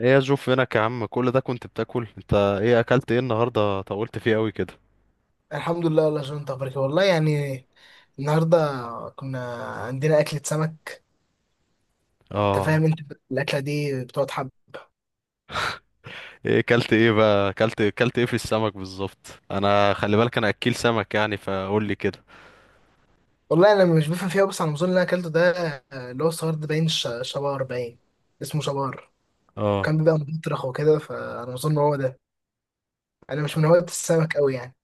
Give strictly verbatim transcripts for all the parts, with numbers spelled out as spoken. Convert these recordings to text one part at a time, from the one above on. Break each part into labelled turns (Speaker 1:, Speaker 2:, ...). Speaker 1: ايه يا جو؟ فينك يا عم، كل ده كنت بتاكل؟ انت ايه اكلت ايه النهارده؟ طولت فيه قوي كده.
Speaker 2: الحمد لله والله يا جون، انت اخبارك إيه؟ والله يعني النهارده كنا عندنا اكله سمك. انت
Speaker 1: اه.
Speaker 2: فاهم؟ انت الاكله دي بتقعد حب.
Speaker 1: ايه اكلت؟ ايه بقى اكلت اكلت ايه في السمك بالظبط؟ انا خلي بالك انا اكيل سمك، يعني فقول لي كده.
Speaker 2: والله انا مش بفهم فيها، بس على النظام اللي انا اكلته ده، آه، اللي هو الصغير ده باين، ش- شبار باين، اسمه شبار.
Speaker 1: اه.
Speaker 2: كان بيبقى مطرخ وكده، فانا اظن هو ده. انا مش من هواة السمك قوي يعني.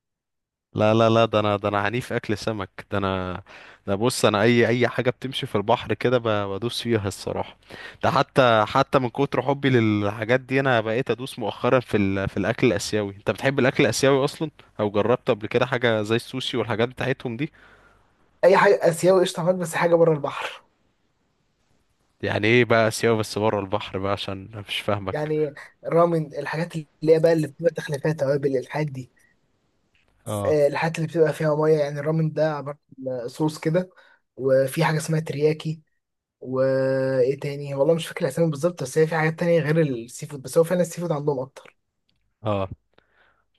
Speaker 1: لا لا لا ده انا، ده انا عنيف اكل سمك، ده انا. ده بص انا اي اي حاجه بتمشي في البحر كده ب- بدوس فيها الصراحه. ده حتى حتى من كتر حبي للحاجات دي انا بقيت ادوس مؤخرا في ال... في الاكل الاسيوي. انت بتحب الاكل الاسيوي اصلا؟ او جربت قبل كده حاجه زي السوشي والحاجات بتاعتهم دي؟
Speaker 2: اي حاجه اسيوي قشطه معاك، بس حاجه بره البحر.
Speaker 1: يعني ايه بقى سيوة بس بره البحر بقى؟ عشان أنا مش فاهمك.
Speaker 2: يعني رامن، الحاجات اللي هي بقى اللي بتبقى تخليفات توابل، الحاجات دي.
Speaker 1: اه.
Speaker 2: آه، الحاجات اللي بتبقى فيها ميه، يعني الرامن ده عبارة عن صوص كده. وفي حاجة اسمها ترياكي، وايه تاني؟ والله مش فاكر الاسامي بالظبط، بس هي في حاجات تانية غير السي فود، بس هو فعلا السي فود عندهم اكتر.
Speaker 1: اه.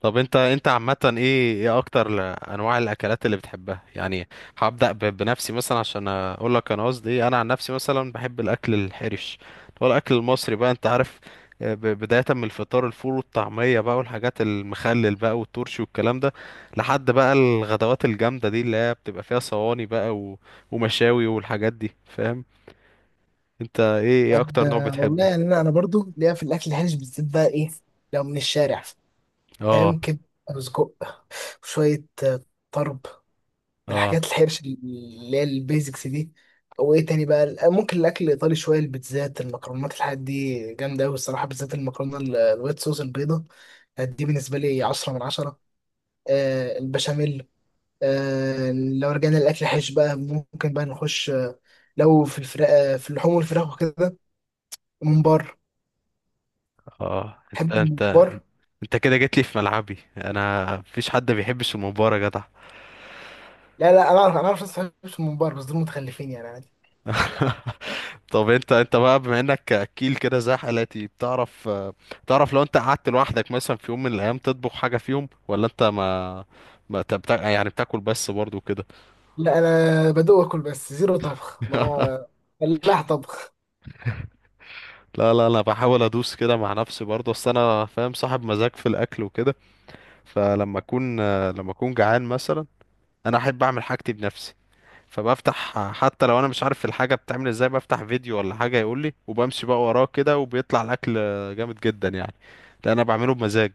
Speaker 1: طب انت انت عامة ايه ايه اكتر ل- انواع الاكلات اللي بتحبها يعني؟ هبدأ ب- بنفسي مثلا عشان اقول لك انا قصدي ايه. انا عن نفسي مثلا بحب الاكل الحرش، هو الاكل المصري بقى انت عارف. آه، ب- بداية من الفطار، الفول والطعمية بقى، والحاجات المخلل بقى والترشي والكلام ده، لحد بقى الغدوات الجامدة دي اللي هي بتبقى فيها صواني بقى و- ومشاوي والحاجات دي فاهم. انت ايه ايه اكتر نوع
Speaker 2: آه والله
Speaker 1: بتحبه؟
Speaker 2: يعني انا انا برضو ليا في الاكل الهلس، بالذات بقى، ايه؟ لو من الشارع،
Speaker 1: اه.
Speaker 2: فاهم كده، رز كوب وشوية آه، طرب،
Speaker 1: اه.
Speaker 2: الحاجات الحرش اللي هي البيزكس دي. وايه تاني بقى؟ آه، ممكن الاكل الايطالي شويه، البيتزات المكرونات، الحاجات دي جامده قوي الصراحه، بالذات المكرونه ال- الوايت صوص البيضه. آه، دي بالنسبه لي عشرة من عشرة. آه البشاميل. آه لو رجعنا للاكل الحرش بقى، ممكن بقى نخش آه، لو في الفراخ، آه في اللحوم والفراخ وكده، ممبار.
Speaker 1: اه. انت
Speaker 2: تحب
Speaker 1: انت
Speaker 2: الممبار؟
Speaker 1: انت كده جيت لي في ملعبي، انا مفيش حد بيحبش المباراة يا جدع.
Speaker 2: لا لا، انا اعرف، انا اعرف ناس ما بتحبش الممبار، بس دول متخلفين يعني، عادي.
Speaker 1: طب انت انت بقى بما انك اكيل كده زي حالاتي، بتعرف آه، تعرف لو انت قعدت لوحدك مثلا في يوم من الايام تطبخ حاجة فيهم؟ ولا انت ما ما انت بتا... يعني بتاكل بس برضو كده؟
Speaker 2: لا انا بدوق اكل بس، زيرو طبخ. ما هو فلاح طبخ.
Speaker 1: لا لا، انا بحاول ادوس كده مع نفسي برضو، اصل انا فاهم، صاحب مزاج في الاكل وكده. فلما اكون آه، لما اكون جعان مثلا انا احب اعمل حاجتي بنفسي. فبفتح حتى لو انا مش عارف الحاجه بتعمل ازاي، بفتح فيديو ولا حاجه يقول لي، وبمشي بقى وراه كده، وبيطلع الاكل جامد جدا يعني، لان انا بعمله بمزاج.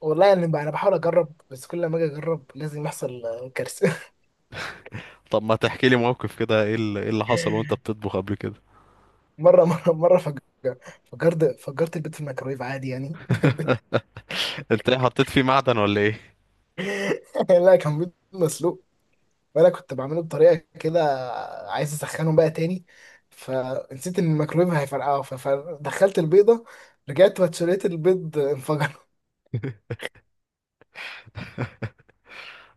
Speaker 2: والله يعني بقى انا بحاول اجرب، بس كل ما اجي اجرب لازم يحصل آه، كارثه.
Speaker 1: طب ما تحكي لي موقف كده، ايه اللي, إيه اللي حصل وانت بتطبخ قبل كده؟
Speaker 2: مره مره مره فجر فجرت فجرت البيض في الميكرويف عادي يعني.
Speaker 1: انت ايه حطيت فيه معدن ولا ايه؟
Speaker 2: لا كان بيض مسلوق، وانا كنت بعمله بطريقه كده، عايز اسخنه بقى تاني، فنسيت ان الميكرويف هيفرقعه، ف- فدخلت البيضه، رجعت واتشريت البيض انفجر.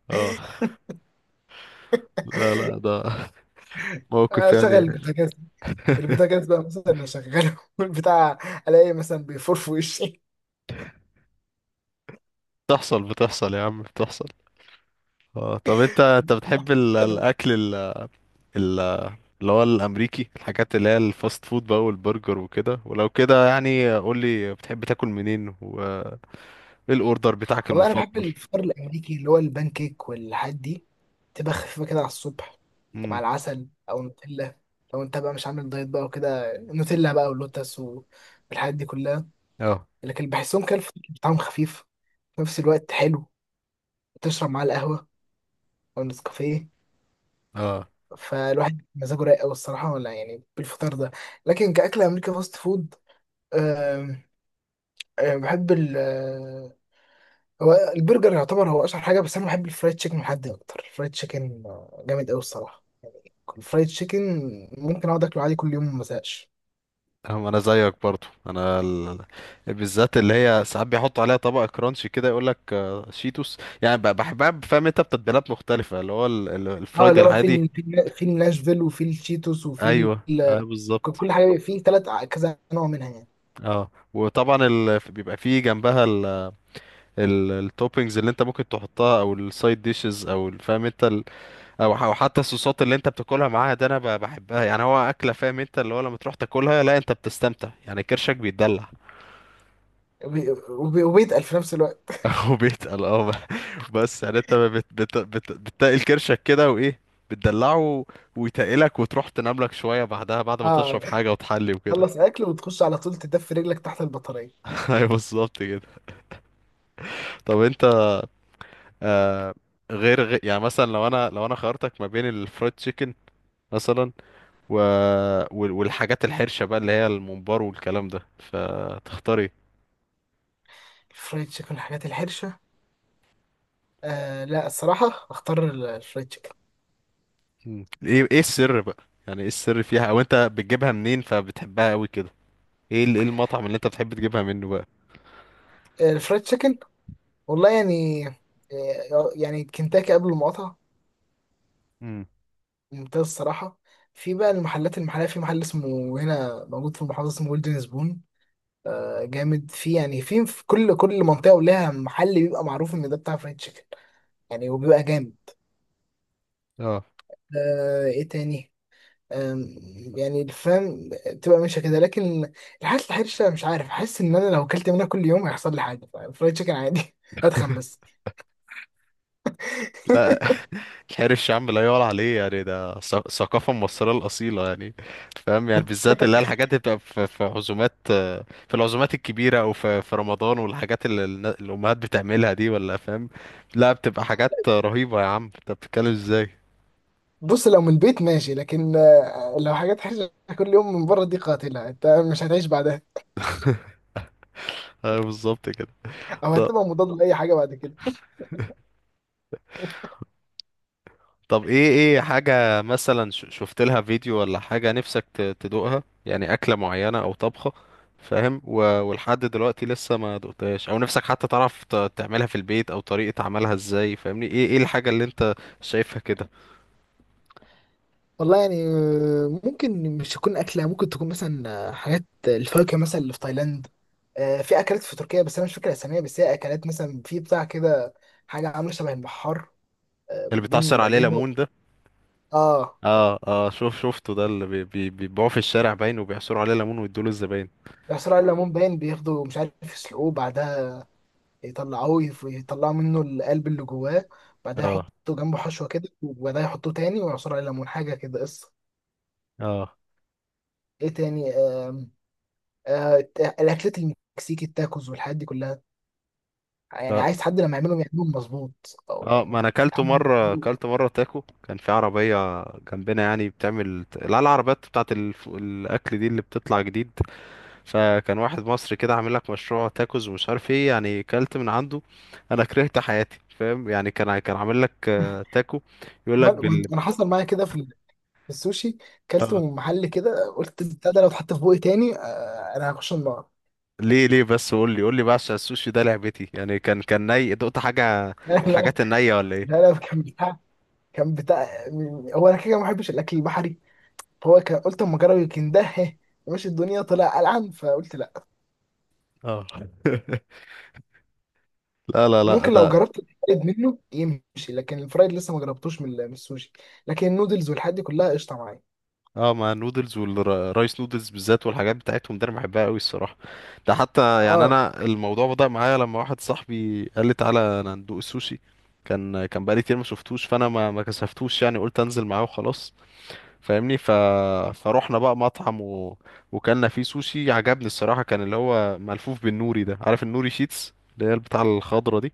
Speaker 1: اه. لا لا ده موقف
Speaker 2: اشغل
Speaker 1: يعني.
Speaker 2: البوتاجاز، البوتاجاز بقى مثلا اشغله، والبتاع الاقي مثلا بيفور في وشي.
Speaker 1: بتحصل، بتحصل يا عم، بتحصل. اه طب انت انت بتحب ال- الاكل ال- ال- اللي هو الامريكي، الحاجات اللي هي الفاست فود بقى والبرجر وكده؟ ولو كده يعني قول لي بتحب تاكل منين و... ايه الاوردر بتاعك
Speaker 2: والله انا بحب
Speaker 1: المفضل؟
Speaker 2: الفطار الامريكي، اللي هو البان كيك والحاجات دي. تبقى خفيفه كده على الصبح،
Speaker 1: امم.
Speaker 2: مع العسل او نوتيلا. لو انت بقى مش عامل دايت بقى وكده، نوتيلا بقى ولوتس والحاجات دي كلها.
Speaker 1: اه.
Speaker 2: لكن بحسهم كده الفطار بتاعهم خفيف في نفس الوقت حلو، تشرب معاه القهوه او النسكافيه،
Speaker 1: اه.
Speaker 2: فالواحد مزاجه رايق قوي الصراحه ولا يعني بالفطار ده. لكن كاكل امريكا فاست فود، أه أه بحب. هو البرجر يعتبر هو اشهر حاجه، بس انا بحب الفرايد تشيكن محدي اكتر. الفرايد تشيكن آه، جامد قوي الصراحه. الفرايد تشيكن ممكن اقعد اكله عادي كل يوم ما ازهقش.
Speaker 1: أه، انا زيك برضو. انا ال... بالذات اللي هي ساعات بيحطوا عليها طبق كرانشي كده، يقول لك آه، شيتوس يعني، ب- بحبها. فاهم انت بتتبيلات مختلفه اللي هو ال... ال-
Speaker 2: اه
Speaker 1: الفرايد
Speaker 2: اللي هو في
Speaker 1: العادي.
Speaker 2: ال- في النا- في الناشفيل، وفي التشيتوس، وفي
Speaker 1: ايوه اه
Speaker 2: ال- ك-
Speaker 1: بالظبط.
Speaker 2: كل حاجه في ثلاث كذا نوع منها يعني.
Speaker 1: اه وطبعا ال... بيبقى فيه جنبها ال... ال... التوبينجز اللي انت ممكن تحطها، او السايد ديشز، او ال- فاهم انت، او أو حتى الصوصات اللي انت بتاكلها معاها، ده انا ب- بحبها يعني. هو اكله، فاهم انت، اللي هو لما تروح تاكلها لا انت بتستمتع يعني، كرشك بيتدلع.
Speaker 2: وبي- وبي- وبيتقل في نفس الوقت.
Speaker 1: او بيتقل، اه، ب- بس يعني انت بت بت بت بتتقل كرشك كده، وايه بتدلعه ويتقلك، وتروح تنام لك شويه بعدها بعد ما
Speaker 2: اه،
Speaker 1: تشرب حاجه وتحلي وكده.
Speaker 2: خلص اكل وتخش على طول تدفي رجلك تحت البطاريه.
Speaker 1: ايوه بالظبط كده. طب انت، آه، غير, غير يعني مثلا لو انا، لو انا خيرتك ما بين الفرايد تشيكن مثلا و... وال- والحاجات الحرشه بقى اللي هي الممبار والكلام ده، فتختاري؟
Speaker 2: الفرايد تشيكن، الحاجات الحرشه، آه لا الصراحه اختار ال- الفرايد تشيكن.
Speaker 1: مم. ايه ايه السر بقى؟ يعني ايه السر فيها؟ او انت بتجيبها منين فبتحبها قوي كده؟ ايه ال- ايه المطعم اللي انت بتحب تجيبها منه بقى؟
Speaker 2: آه، الفرايد تشيكن والله يعني، آه، يعني كنتاكي قبل المقاطعه
Speaker 1: امم.
Speaker 2: ممتاز الصراحة. في بقى المحلات المحلية، في محل اسمه، هنا موجود في المحافظة، اسمه جولدن سبون. آه جامد، في يعني في في كل كل منطقة ولها محل بيبقى معروف إن ده بتاع فرايد تشيكن يعني، وبيبقى جامد.
Speaker 1: اه.
Speaker 2: آه إيه تاني؟ آم، يعني الفهم تبقى ماشية كده، لكن الحاجات الحرشة مش عارف، أحس إن أنا لو أكلت منها كل يوم هيحصل لي حاجة. فرايد تشيكن عادي، هتخن بس.
Speaker 1: لا. الحرش يا عم لا يعلى عليه يعني، ده ث- ثقافة مصرية الأصيلة يعني. فاهم يعني، بالذات اللي هي الحاجات اللي بتبقى في في عزومات، آه، في العزومات الكبيرة، أو في في رمضان، والحاجات اللي النا- الأمهات بتعملها دي، ولا فاهم؟ لا بتبقى حاجات رهيبة يا عم، أنت بتتكلم إزاي؟
Speaker 2: بص لو من البيت ماشي، لكن آه، لو حاجات حرشة كل يوم من بره، دي قاتلة، أنت مش هتعيش بعدها،
Speaker 1: أيوة بالظبط كده.
Speaker 2: او هتبقى مضاد لاي حاجه بعد كده.
Speaker 1: طب ايه ايه حاجة مثلا ش- شفت لها فيديو ولا حاجة نفسك ت- تدوقها؟ يعني أكلة معينة أو طبخة فاهم، و- ولحد دلوقتي لسه ما دقتهاش، أو نفسك حتى تعرف ت- تعملها في البيت، أو طريقة عملها ازاي، فاهمني؟ ايه ايه الحاجة اللي انت شايفها كده؟
Speaker 2: والله يعني آه، ممكن مش تكون اكله، ممكن تكون مثلا آه، حاجات الفاكهه مثلا اللي في تايلاند. آه، في اكلات في تركيا، بس انا مش فاكر اساميها، بس هي اكلات مثلا في بتاع كده، حاجه عامله شبه البحار، آه،
Speaker 1: اللي
Speaker 2: بين
Speaker 1: بتعصر عليه
Speaker 2: بينه.
Speaker 1: ليمون ده؟
Speaker 2: اه
Speaker 1: اه. اه شوف شفته، ده اللي بي- بي- بيبيعوه في الشارع باين، وبيعصروا عليه ليمون ويدوله الزباين.
Speaker 2: بيحصلوا على الليمون باين، بياخدوا مش عارف يسلقوه، بعدها يطلعوه، يف- يطلعوا منه القلب اللي جواه، بعدها
Speaker 1: اه.
Speaker 2: يحطوا جنبه حشوه كده، وبعدها يحطوه تاني ويعصروا على الليمون حاجه كده قصه. ايه تاني؟ آه، الت- الاكلات المكسيكي التاكوز والحاجات دي كلها، يعني
Speaker 1: اه.
Speaker 2: عايز حد لما يعملهم يعملهم مظبوط، او
Speaker 1: اه ما
Speaker 2: يعني
Speaker 1: انا اكلته
Speaker 2: تتعمل
Speaker 1: مره،
Speaker 2: مظبوط.
Speaker 1: اكلت مره تاكو كان في عربيه جنبنا يعني بتعمل، لا العربيات بتاعت الف... الاكل دي اللي بتطلع جديد، فكان واحد مصري كده عامل لك مشروع تاكوز ومش عارف ايه، يعني اكلت من عنده انا كرهت حياتي، فاهم يعني. كان ع- كان عامل لك آه، تاكو، يقول لك
Speaker 2: وأنا- وأنا-
Speaker 1: بال...
Speaker 2: انا حصل معايا كده في ال- في السوشي. كلت
Speaker 1: آه.
Speaker 2: من محل كده، قلت البتاع ده لو اتحط في بوقي تاني آه، انا هخش النار.
Speaker 1: ليه ليه بس؟ قول لي قول لي بقى، عشان السوشي ده لعبتي يعني. كان كان ني دقت حاجه من
Speaker 2: لا لا
Speaker 1: الحاجات النيه ولا ايه؟
Speaker 2: لا لا، كان بتاع كان بتاع. هو انا كده ما بحبش الاكل البحري، فهو كان، قلت اما اجرب يمكن ده، مش الدنيا طلع قلعان فقلت لا.
Speaker 1: اه. لا لا لا
Speaker 2: ممكن لو
Speaker 1: ده.
Speaker 2: جربت الفرايد منه يمشي، لكن الفرايد لسه ما جربتوش من ال- من السوشي. لكن النودلز والحاجات دي كلها قشطه معايا.
Speaker 1: اه مع النودلز والرايس نودلز بالذات والحاجات بتاعتهم دي انا بحبها قوي الصراحه. ده حتى يعني
Speaker 2: اه
Speaker 1: انا الموضوع بدأ معايا لما واحد صاحبي قال لي تعالى انا ندوق السوشي، كان كان بقالي كتير ما شفتوش، فانا ما ما كسفتوش يعني، قلت انزل معاه وخلاص، فاهمني. ف فروحنا بقى مطعم و... وكلنا فيه سوشي. عجبني الصراحه كان اللي هو ملفوف بالنوري ده، عارف النوري شيتس اللي هي بتاع الخضره دي؟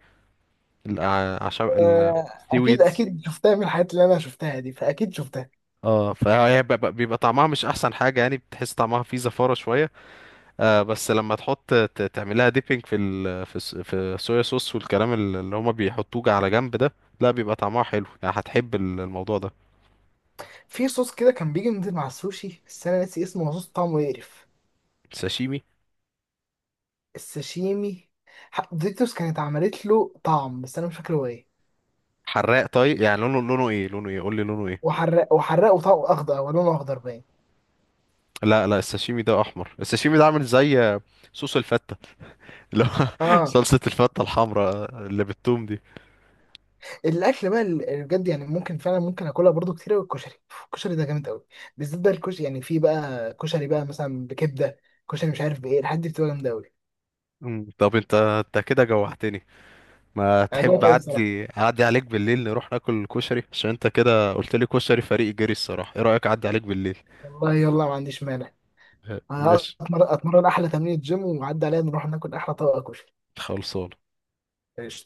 Speaker 1: الع- عشان ال...
Speaker 2: آه،
Speaker 1: سي
Speaker 2: اكيد
Speaker 1: ويدز.
Speaker 2: اكيد شفتها، من الحاجات اللي انا شفتها دي، فاكيد شفتها.
Speaker 1: اه، فهي بيبقى بيبقى طعمها مش احسن حاجه يعني، بتحس طعمها فيه زفاره شويه. آه بس لما تحط ت- تعملها ديبينج في ال في الس- في الصويا صوص والكلام ال- اللي هما بيحطوه على جنب ده، لا بيبقى طعمها حلو يعني، هتحب ال- الموضوع ده.
Speaker 2: في صوص كده كان بيجي نزل مع السوشي، بس انا ناسي اسمه، هو صوص طعمه يقرف.
Speaker 1: ساشيمي؟
Speaker 2: الساشيمي، ح- ديكتوس كانت عملت له طعم، بس انا مش فاكر هو ايه.
Speaker 1: حراق طيب يعني. لونه لونه ايه؟ لونه ايه قول لي؟ لونه ايه؟
Speaker 2: وحرق وحرقه طعم اخضر، او لونه اخضر باين.
Speaker 1: لا لا الساشيمي ده احمر، الساشيمي ده عامل زي آه، صوص الفتة، اللي هو
Speaker 2: اه
Speaker 1: صلصة الفتة الحمراء اللي بالثوم دي.
Speaker 2: الاكل بقى اللي بجد يعني، ممكن فعلا ممكن اكلها برضو كتير قوي، الكشري. الكشري ده جامد قوي، بالذات بقى الكشري. يعني في بقى كشري بقى مثلا بكبده، كشري مش عارف بايه، الحاجات دي بتبقى جامده قوي.
Speaker 1: مم. طب انت انت كده جوعتني. ما
Speaker 2: انا
Speaker 1: تحب
Speaker 2: دوت قوي بصراحه،
Speaker 1: اعدي اعدي عليك بالليل نروح ناكل كشري؟ عشان انت كده قلت لي كشري فريق جري الصراحة. ايه رأيك اعدي عليك بالليل؟
Speaker 2: والله يلا ما عنديش مانع. أنا
Speaker 1: ماشي.
Speaker 2: أتمر- اتمرن احلى تمرين جيم، وعدي عليا نروح ناكل احلى طبق كشري.
Speaker 1: خلصان.